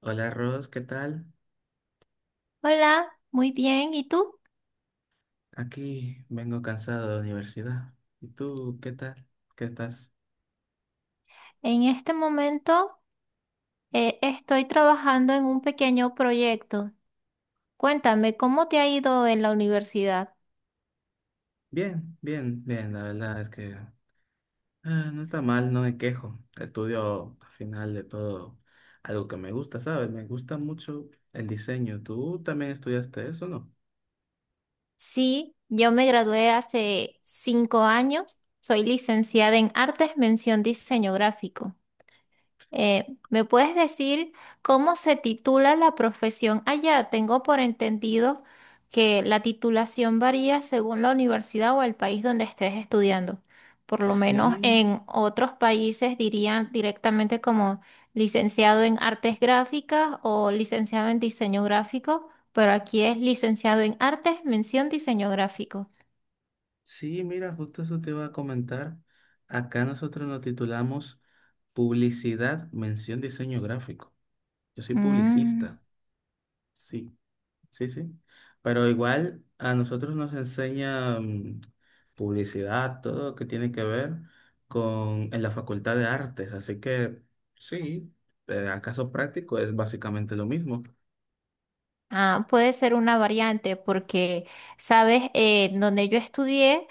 Hola Ros, ¿qué tal? Hola, muy bien. ¿Y tú? Aquí vengo cansado de la universidad. ¿Y tú qué tal? ¿Qué estás? En este momento estoy trabajando en un pequeño proyecto. Cuéntame, ¿cómo te ha ido en la universidad? Bien, bien, bien. La verdad es que no está mal, no me quejo. Estudio al final de todo algo que me gusta, ¿sabes? Me gusta mucho el diseño. ¿Tú también estudiaste eso, no? Sí, yo me gradué hace 5 años. Soy licenciada en Artes, mención diseño gráfico. ¿Me puedes decir cómo se titula la profesión allá? Tengo por entendido que la titulación varía según la universidad o el país donde estés estudiando. Por lo menos Sí, en otros países dirían directamente como licenciado en artes gráficas o licenciado en diseño gráfico, pero aquí es licenciado en artes, mención diseño gráfico. sí, mira, justo eso te iba a comentar. Acá nosotros nos titulamos publicidad, mención, diseño gráfico. Yo soy Mm. publicista. Sí. Sí, sí. Pero igual a nosotros nos enseña publicidad, todo lo que tiene que ver con en la Facultad de Artes. Así que sí, a caso práctico es básicamente lo mismo. Ah, puede ser una variante porque, sabes, donde yo estudié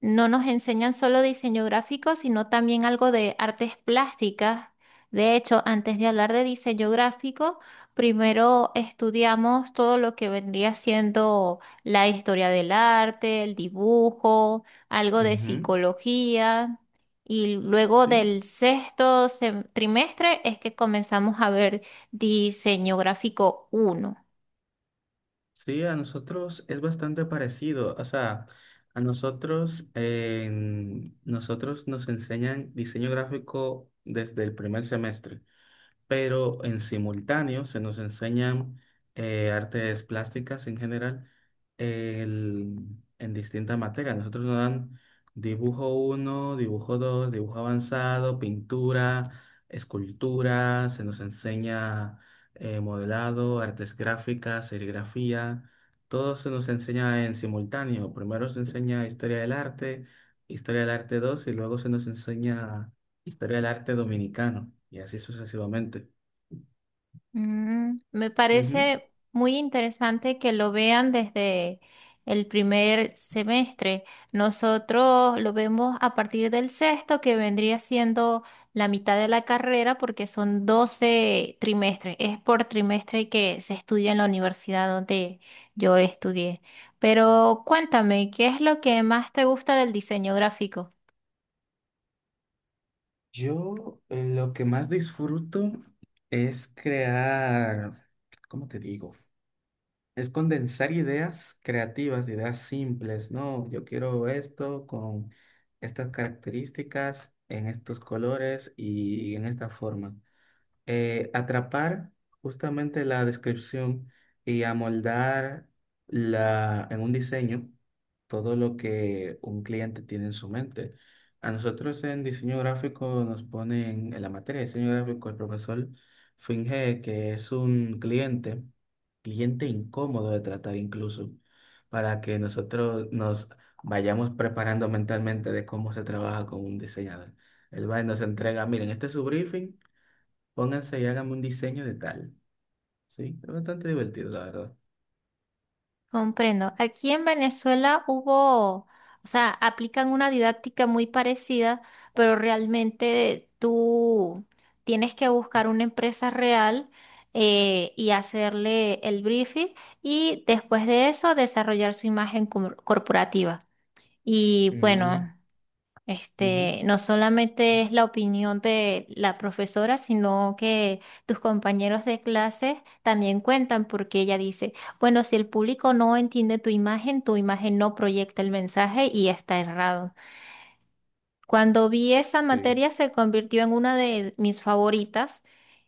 no nos enseñan solo diseño gráfico, sino también algo de artes plásticas. De hecho, antes de hablar de diseño gráfico, primero estudiamos todo lo que vendría siendo la historia del arte, el dibujo, algo de Ujú. psicología. Y luego Sí, del sexto trimestre es que comenzamos a ver diseño gráfico uno. sí, a nosotros es bastante parecido. O sea, a nosotros, nosotros nos enseñan diseño gráfico desde el primer semestre. Pero en simultáneo se nos enseñan artes plásticas en general, el- en distintas materias. Nosotros nos dan dibujo uno, dibujo dos, dibujo avanzado, pintura, escultura. Se nos enseña modelado, artes gráficas, serigrafía. Todo se nos enseña en simultáneo. Primero se enseña historia del arte 2 y luego se nos enseña historia del arte dominicano y así sucesivamente. Mm, me Ujú. parece muy interesante que lo vean desde el primer semestre. Nosotros lo vemos a partir del sexto, que vendría siendo la mitad de la carrera, porque son 12 trimestres. Es por trimestre que se estudia en la universidad donde yo estudié. Pero cuéntame, ¿qué es lo que más te gusta del diseño gráfico? Yo, lo que más disfruto es crear. ¿Cómo te digo? Es condensar ideas creativas, ideas simples, ¿no? Yo quiero esto con estas características, en estos colores y en esta forma. Atrapar justamente la descripción y amoldar la, en un diseño, todo lo que un cliente tiene en su mente. A nosotros en diseño gráfico nos ponen, en la materia de diseño gráfico, el profesor finge que es un cliente, cliente incómodo de tratar incluso, para que nosotros nos vayamos preparando mentalmente de cómo se trabaja con un diseñador. Él va y nos entrega, miren, este es su briefing. Pónganse y háganme un diseño de tal. Sí, es bastante divertido, la verdad. Comprendo. Aquí en Venezuela hubo, o sea, aplican una didáctica muy parecida, pero realmente tú tienes que buscar una empresa real y hacerle el briefing y después de eso desarrollar su imagen corporativa. Y Mm, bueno, ujú, este, no solamente es la opinión de la profesora, sino que tus compañeros de clase también cuentan porque ella dice, bueno, si el público no entiende tu imagen no proyecta el mensaje y está errado. Cuando vi esa sí. materia se convirtió en una de mis favoritas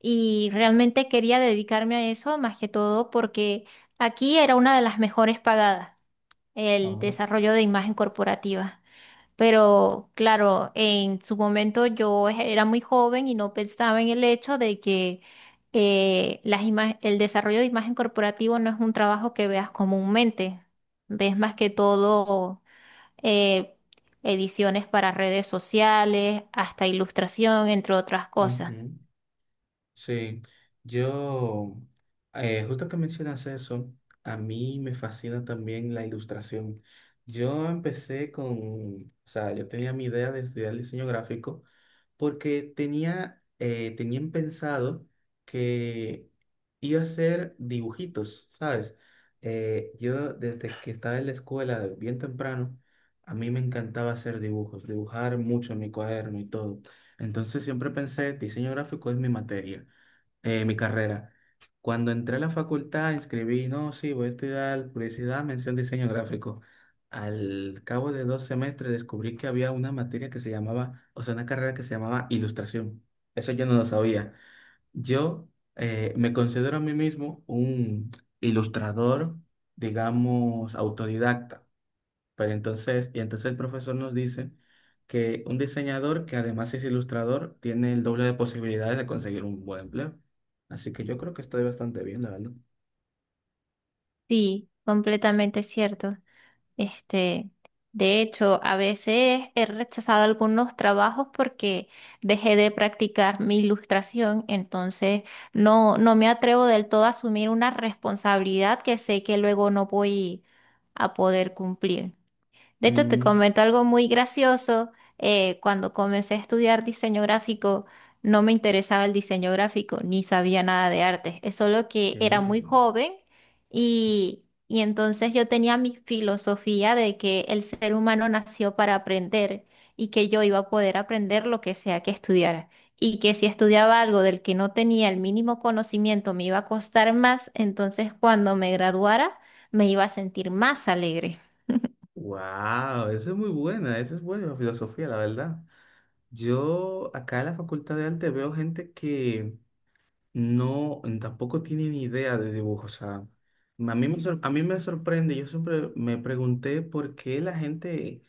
y realmente quería dedicarme a eso más que todo porque aquí era una de las mejores pagadas, el Ah, desarrollo de imagen corporativa. Pero claro, en su momento yo era muy joven y no pensaba en el hecho de que el desarrollo de imagen corporativo no es un trabajo que veas comúnmente. Ves más que todo eh, ediciones para redes sociales, hasta ilustración, entre otras cosas. ujú. Sí, yo, justo que mencionas eso, a mí me fascina también la ilustración. Yo empecé con, o sea, yo tenía mi idea de estudiar diseño gráfico porque tenía, tenían pensado que iba a hacer dibujitos, ¿sabes? Yo desde que estaba en la escuela, de bien temprano, a mí me encantaba hacer dibujos, dibujar mucho en mi cuaderno y todo. Entonces siempre pensé, diseño gráfico es mi materia, mi carrera. Cuando entré a la facultad, inscribí, no, sí, voy a estudiar publicidad, mención, diseño gráfico. Al cabo de 2 semestres descubrí que había una materia que se llamaba, o sea, una carrera que se llamaba ilustración. Eso yo no lo sabía. Yo, me considero a mí mismo un ilustrador, digamos, autodidacta. Pero entonces, y entonces el profesor nos dice que un diseñador que además es ilustrador tiene el doble de posibilidades de conseguir un buen empleo. Así que yo creo que estoy bastante bien, la verdad. Sí, completamente cierto. Este, de hecho, a veces he rechazado algunos trabajos porque dejé de practicar mi ilustración, entonces no, no me atrevo del todo a asumir una responsabilidad que sé que luego no voy a poder cumplir. De hecho, te Mm, comento algo muy gracioso. Cuando comencé a estudiar diseño gráfico, no me interesaba el diseño gráfico, ni sabía nada de arte. Es solo ok. que era muy joven y entonces yo tenía mi filosofía de que el ser humano nació para aprender y que yo iba a poder aprender lo que sea que estudiara. Y que si estudiaba algo del que no tenía el mínimo conocimiento me iba a costar más, entonces cuando me graduara me iba a sentir más alegre. Wow, esa es muy buena, esa es buena filosofía, la verdad. Yo acá en la Facultad de Arte veo gente que no, tampoco tiene ni idea de dibujo. O sea, a mí me, a mí me sorprende. Yo siempre me pregunté por qué la gente,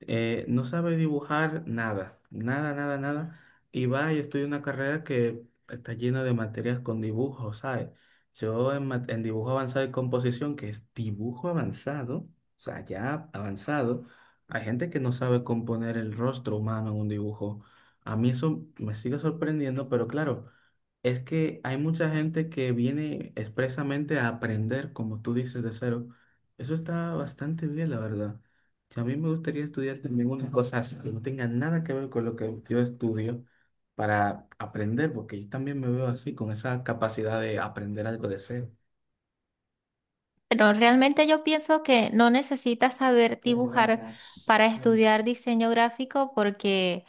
no sabe dibujar nada, nada, nada, nada, y va y estudia una carrera que está llena de materias con dibujos, ¿sabes? Yo en, en dibujo avanzado y composición, que es dibujo avanzado, o sea, ya avanzado, hay gente que no sabe componer el rostro humano en un dibujo. A mí eso me sigue sorprendiendo, pero claro, es que hay mucha gente que viene expresamente a aprender, como tú dices, de cero. Eso está bastante bien, la verdad. A mí me gustaría estudiar también unas cosas que no tengan nada que ver con lo que yo estudio para aprender, porque yo también me veo así, con esa capacidad de aprender algo de cero. Pero realmente yo pienso que no necesitas saber Aprender dibujar acá. para estudiar diseño gráfico porque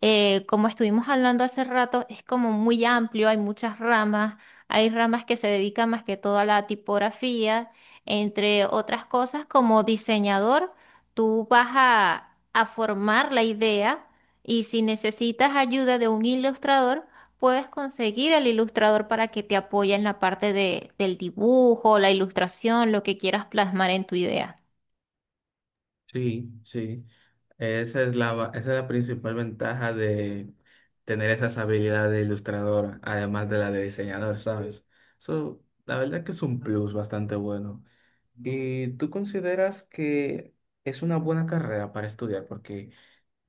como estuvimos hablando hace rato, es como muy amplio, hay muchas ramas, hay ramas que se dedican más que todo a la tipografía, entre otras cosas, como diseñador, tú vas a formar la idea y si necesitas ayuda de un ilustrador, puedes conseguir al ilustrador para que te apoye en la parte de- del dibujo, la ilustración, lo que quieras plasmar en tu idea. Sí, sí. Esa es la, esa es la principal ventaja de tener esas habilidades de ilustrador, además de la de diseñador, ¿sabes? Eso, la verdad que es un plus bastante bueno. ¿Y tú consideras que es una buena carrera para estudiar? Porque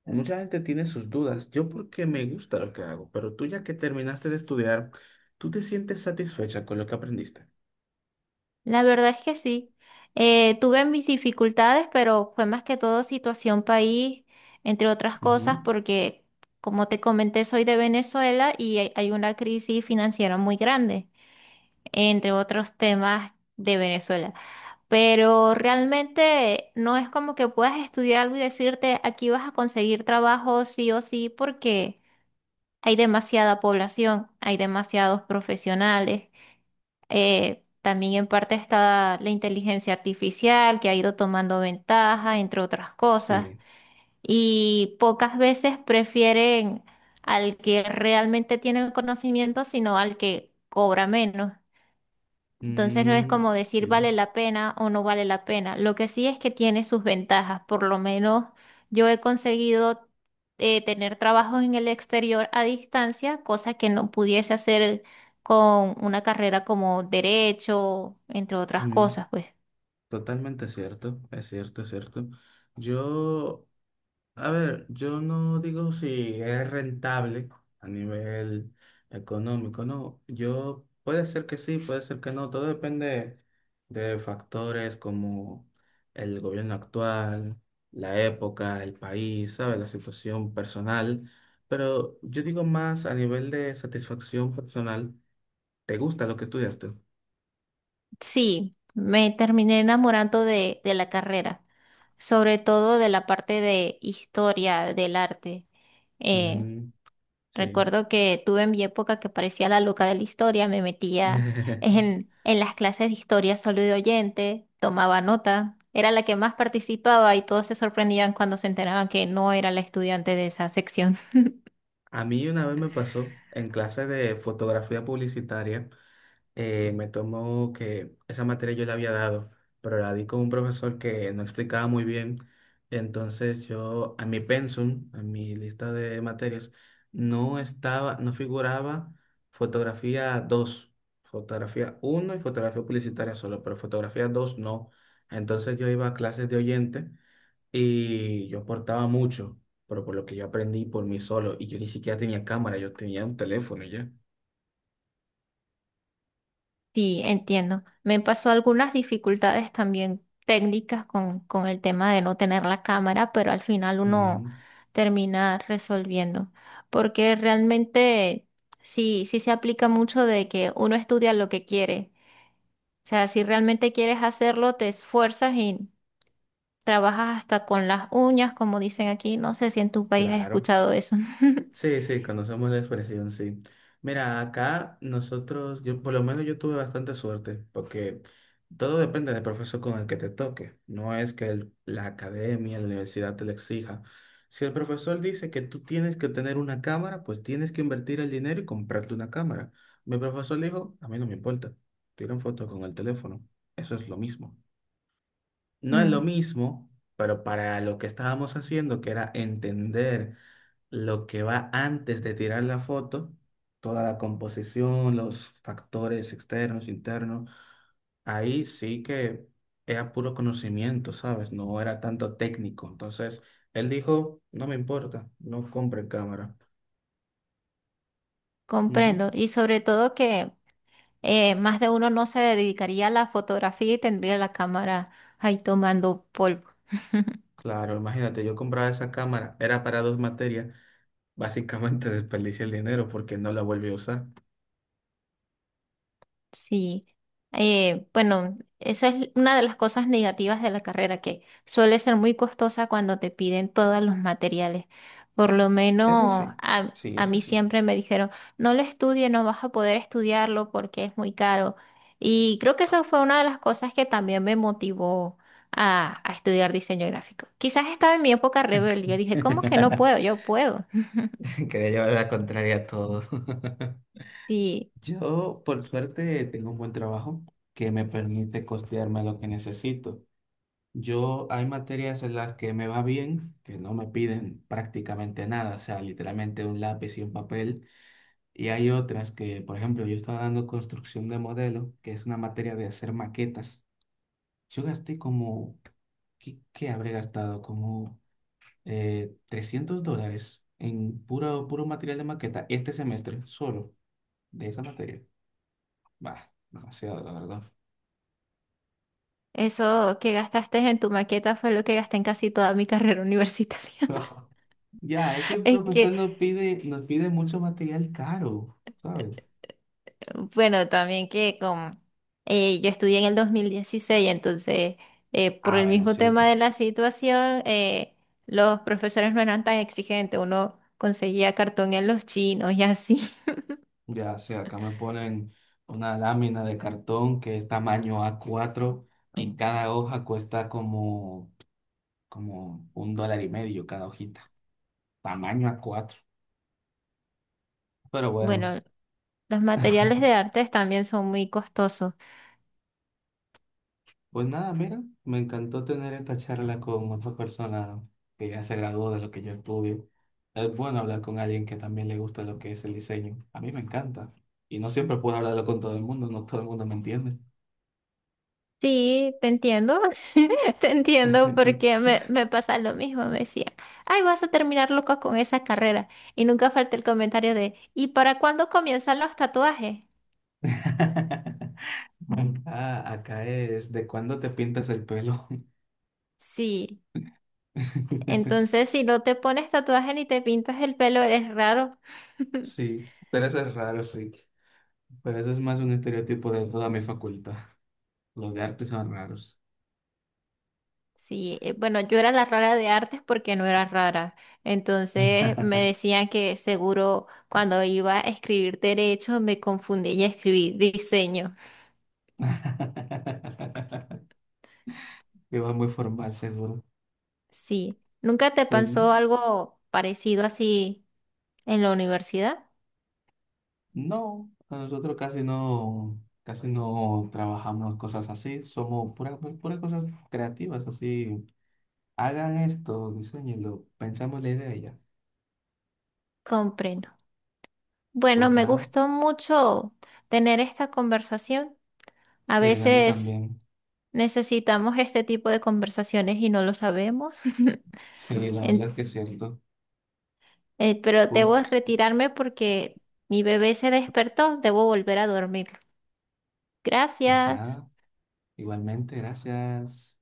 mucha gente tiene sus dudas. Yo porque me gusta lo que hago, pero tú ya que terminaste de estudiar, ¿tú te sientes satisfecha con lo que aprendiste? La verdad es que sí. Tuve mis dificultades, pero fue más que todo situación país, entre otras cosas, Ujú. porque como te comenté, soy de Venezuela y hay una crisis financiera muy grande, entre otros temas de Venezuela. Pero realmente no es como que puedas estudiar algo y decirte, aquí vas a conseguir trabajo sí o sí, porque hay demasiada población, hay demasiados profesionales. También en parte está la inteligencia artificial que ha ido tomando ventaja, entre otras cosas, Sí. y pocas veces prefieren al que realmente tiene el conocimiento, sino al que cobra menos. Entonces no es como Mm, decir sí. vale la pena o no vale la pena. Lo que sí es que tiene sus ventajas. Por lo menos yo he conseguido tener trabajos en el exterior a distancia, cosa que no pudiese hacer con una carrera como derecho, entre otras Mm, cosas, pues. totalmente cierto. Es cierto, es cierto. Yo A ver, yo no digo si es rentable a nivel económico, no. Yo puede ser que sí, puede ser que no. Todo depende de factores como el gobierno actual, la época, el país, ¿sabes? La situación personal. Pero yo digo más a nivel de satisfacción personal. ¿Te gusta lo que estudiaste? Sí, me terminé enamorando de la carrera, sobre todo de la parte de historia del arte. Eh, Mm, sí. Recuerdo que tuve en mi época que parecía la loca de la historia, me metía en las clases de historia solo de oyente, tomaba nota, era la que más participaba y todos se sorprendían cuando se enteraban que no era la estudiante de esa sección. A mí una vez me pasó en clase de fotografía publicitaria. Me tomó que esa materia yo la había dado, pero la di con un profesor que no explicaba muy bien. Entonces yo, a mi pensum, a mi lista de materias, no estaba, no figuraba fotografía 2, fotografía uno y fotografía publicitaria solo, pero fotografía 2 no. Entonces yo iba a clases de oyente y yo aportaba mucho, pero por lo que yo aprendí por mí solo, y yo ni siquiera tenía cámara, yo tenía un teléfono ya. Sí, entiendo. Me pasó algunas dificultades también técnicas con el tema de no tener la cámara, pero al final uno Mm, termina resolviendo, porque realmente sí, sí se aplica mucho de que uno estudia lo que quiere. O sea, si realmente quieres hacerlo, te esfuerzas y trabajas hasta con las uñas, como dicen aquí. No sé si en tu país has claro. escuchado eso. Sí, sí, conocemos la expresión, sí. Mira, acá nosotros, yo por lo menos yo tuve bastante suerte, porque todo depende del profesor con el que te toque. No es que la academia, la universidad te lo exija. Si el profesor dice que tú tienes que tener una cámara, pues tienes que invertir el dinero y comprarte una cámara. Mi profesor dijo, a mí no me importa, tiran fotos con el teléfono. Eso es lo mismo. No es lo Mm, mismo, pero para lo que estábamos haciendo, que era entender lo que va antes de tirar la foto, toda la composición, los factores externos, internos, ahí sí que era puro conocimiento, ¿sabes? No era tanto técnico. Entonces, él dijo, no me importa, no compre cámara. Ujú. comprendo. Y sobre todo que más de uno no se dedicaría a la fotografía y tendría la cámara ahí tomando polvo. Claro, imagínate, yo compraba esa cámara, era para dos materias, básicamente desperdicié el dinero porque no la volví a usar. Sí, bueno, esa es una de las cosas negativas de la carrera, que suele ser muy costosa cuando te piden todos los materiales. Por lo Eso menos sí, a, sí, a eso mí sí. siempre me dijeron, no lo estudie, no vas a poder estudiarlo porque es muy caro. Y creo que esa fue una de las cosas que también me motivó a estudiar diseño gráfico. Quizás estaba en mi época rebelde, yo dije, ¿cómo que no puedo? Yo puedo. Quería llevar la contraria a todo. Sí, Yo, por suerte, tengo un buen trabajo que me permite costearme lo que necesito. Yo, hay materias en las que me va bien, que no me piden prácticamente nada, o sea, literalmente un lápiz y un papel. Y hay otras que, por ejemplo, yo estaba dando construcción de modelo, que es una materia de hacer maquetas. Yo gasté como, ¿qué, qué habré gastado? Como $300 en puro, puro material de maqueta este semestre, solo de esa materia. Bah, demasiado, la verdad. eso que gastaste en tu maqueta fue lo que gasté en casi toda mi carrera universitaria. Ya, es que el Es que, profesor nos pide mucho material caro, ¿sabes? bueno, también que como yo estudié en el 2016 entonces por Ah, el bueno, mismo cierto. tema de la situación, los profesores no eran tan exigentes, uno conseguía cartón en los chinos y así. Ya, sí, acá me ponen una lámina de cartón que es tamaño A4, en cada hoja cuesta como, como un dólar y medio cada hojita. Tamaño A4. Pero bueno. Bueno, los materiales de artes también son muy costosos. Pues nada, mira, me encantó tener esta charla con otra persona que ya se graduó de lo que yo estudio. Es bueno hablar con alguien que también le gusta lo que es el diseño. A mí me encanta. Y no siempre puedo hablarlo con todo el mundo, no todo el mundo me entiende. Sí, te entiendo, te entiendo porque me pasa lo mismo, me decían, ay, vas a terminar loco con esa carrera. Y nunca falta el comentario de, ¿y para cuándo comienzan los tatuajes? Ah, acá es, ¿de cuándo te pintas el pelo? Sí. Entonces, si no te pones tatuaje ni te pintas el pelo, eres raro. Sí, pero eso es raro, sí. Pero eso es más un estereotipo de toda mi facultad. Los de arte son raros. Sí, bueno, yo era la rara de artes porque no era rara. Entonces me decían que seguro cuando iba a escribir derecho me confundí y escribí diseño. Que va muy formal, seguro. Sí, ¿nunca te Pues pasó no, algo parecido así en la universidad? no, nosotros casi no trabajamos cosas así, somos puras, puras cosas creativas, así, hagan esto, diseñenlo, pensamos la idea y ya. Comprendo. Bueno, Pues me nada, gustó mucho tener esta conversación. A sí, a mí veces también, necesitamos este tipo de conversaciones y no lo sabemos. sí, la verdad es En- que es cierto. Pero Pu- debo retirarme porque mi bebé se despertó, debo volver a dormirlo. Pues Gracias. nada, igualmente, gracias.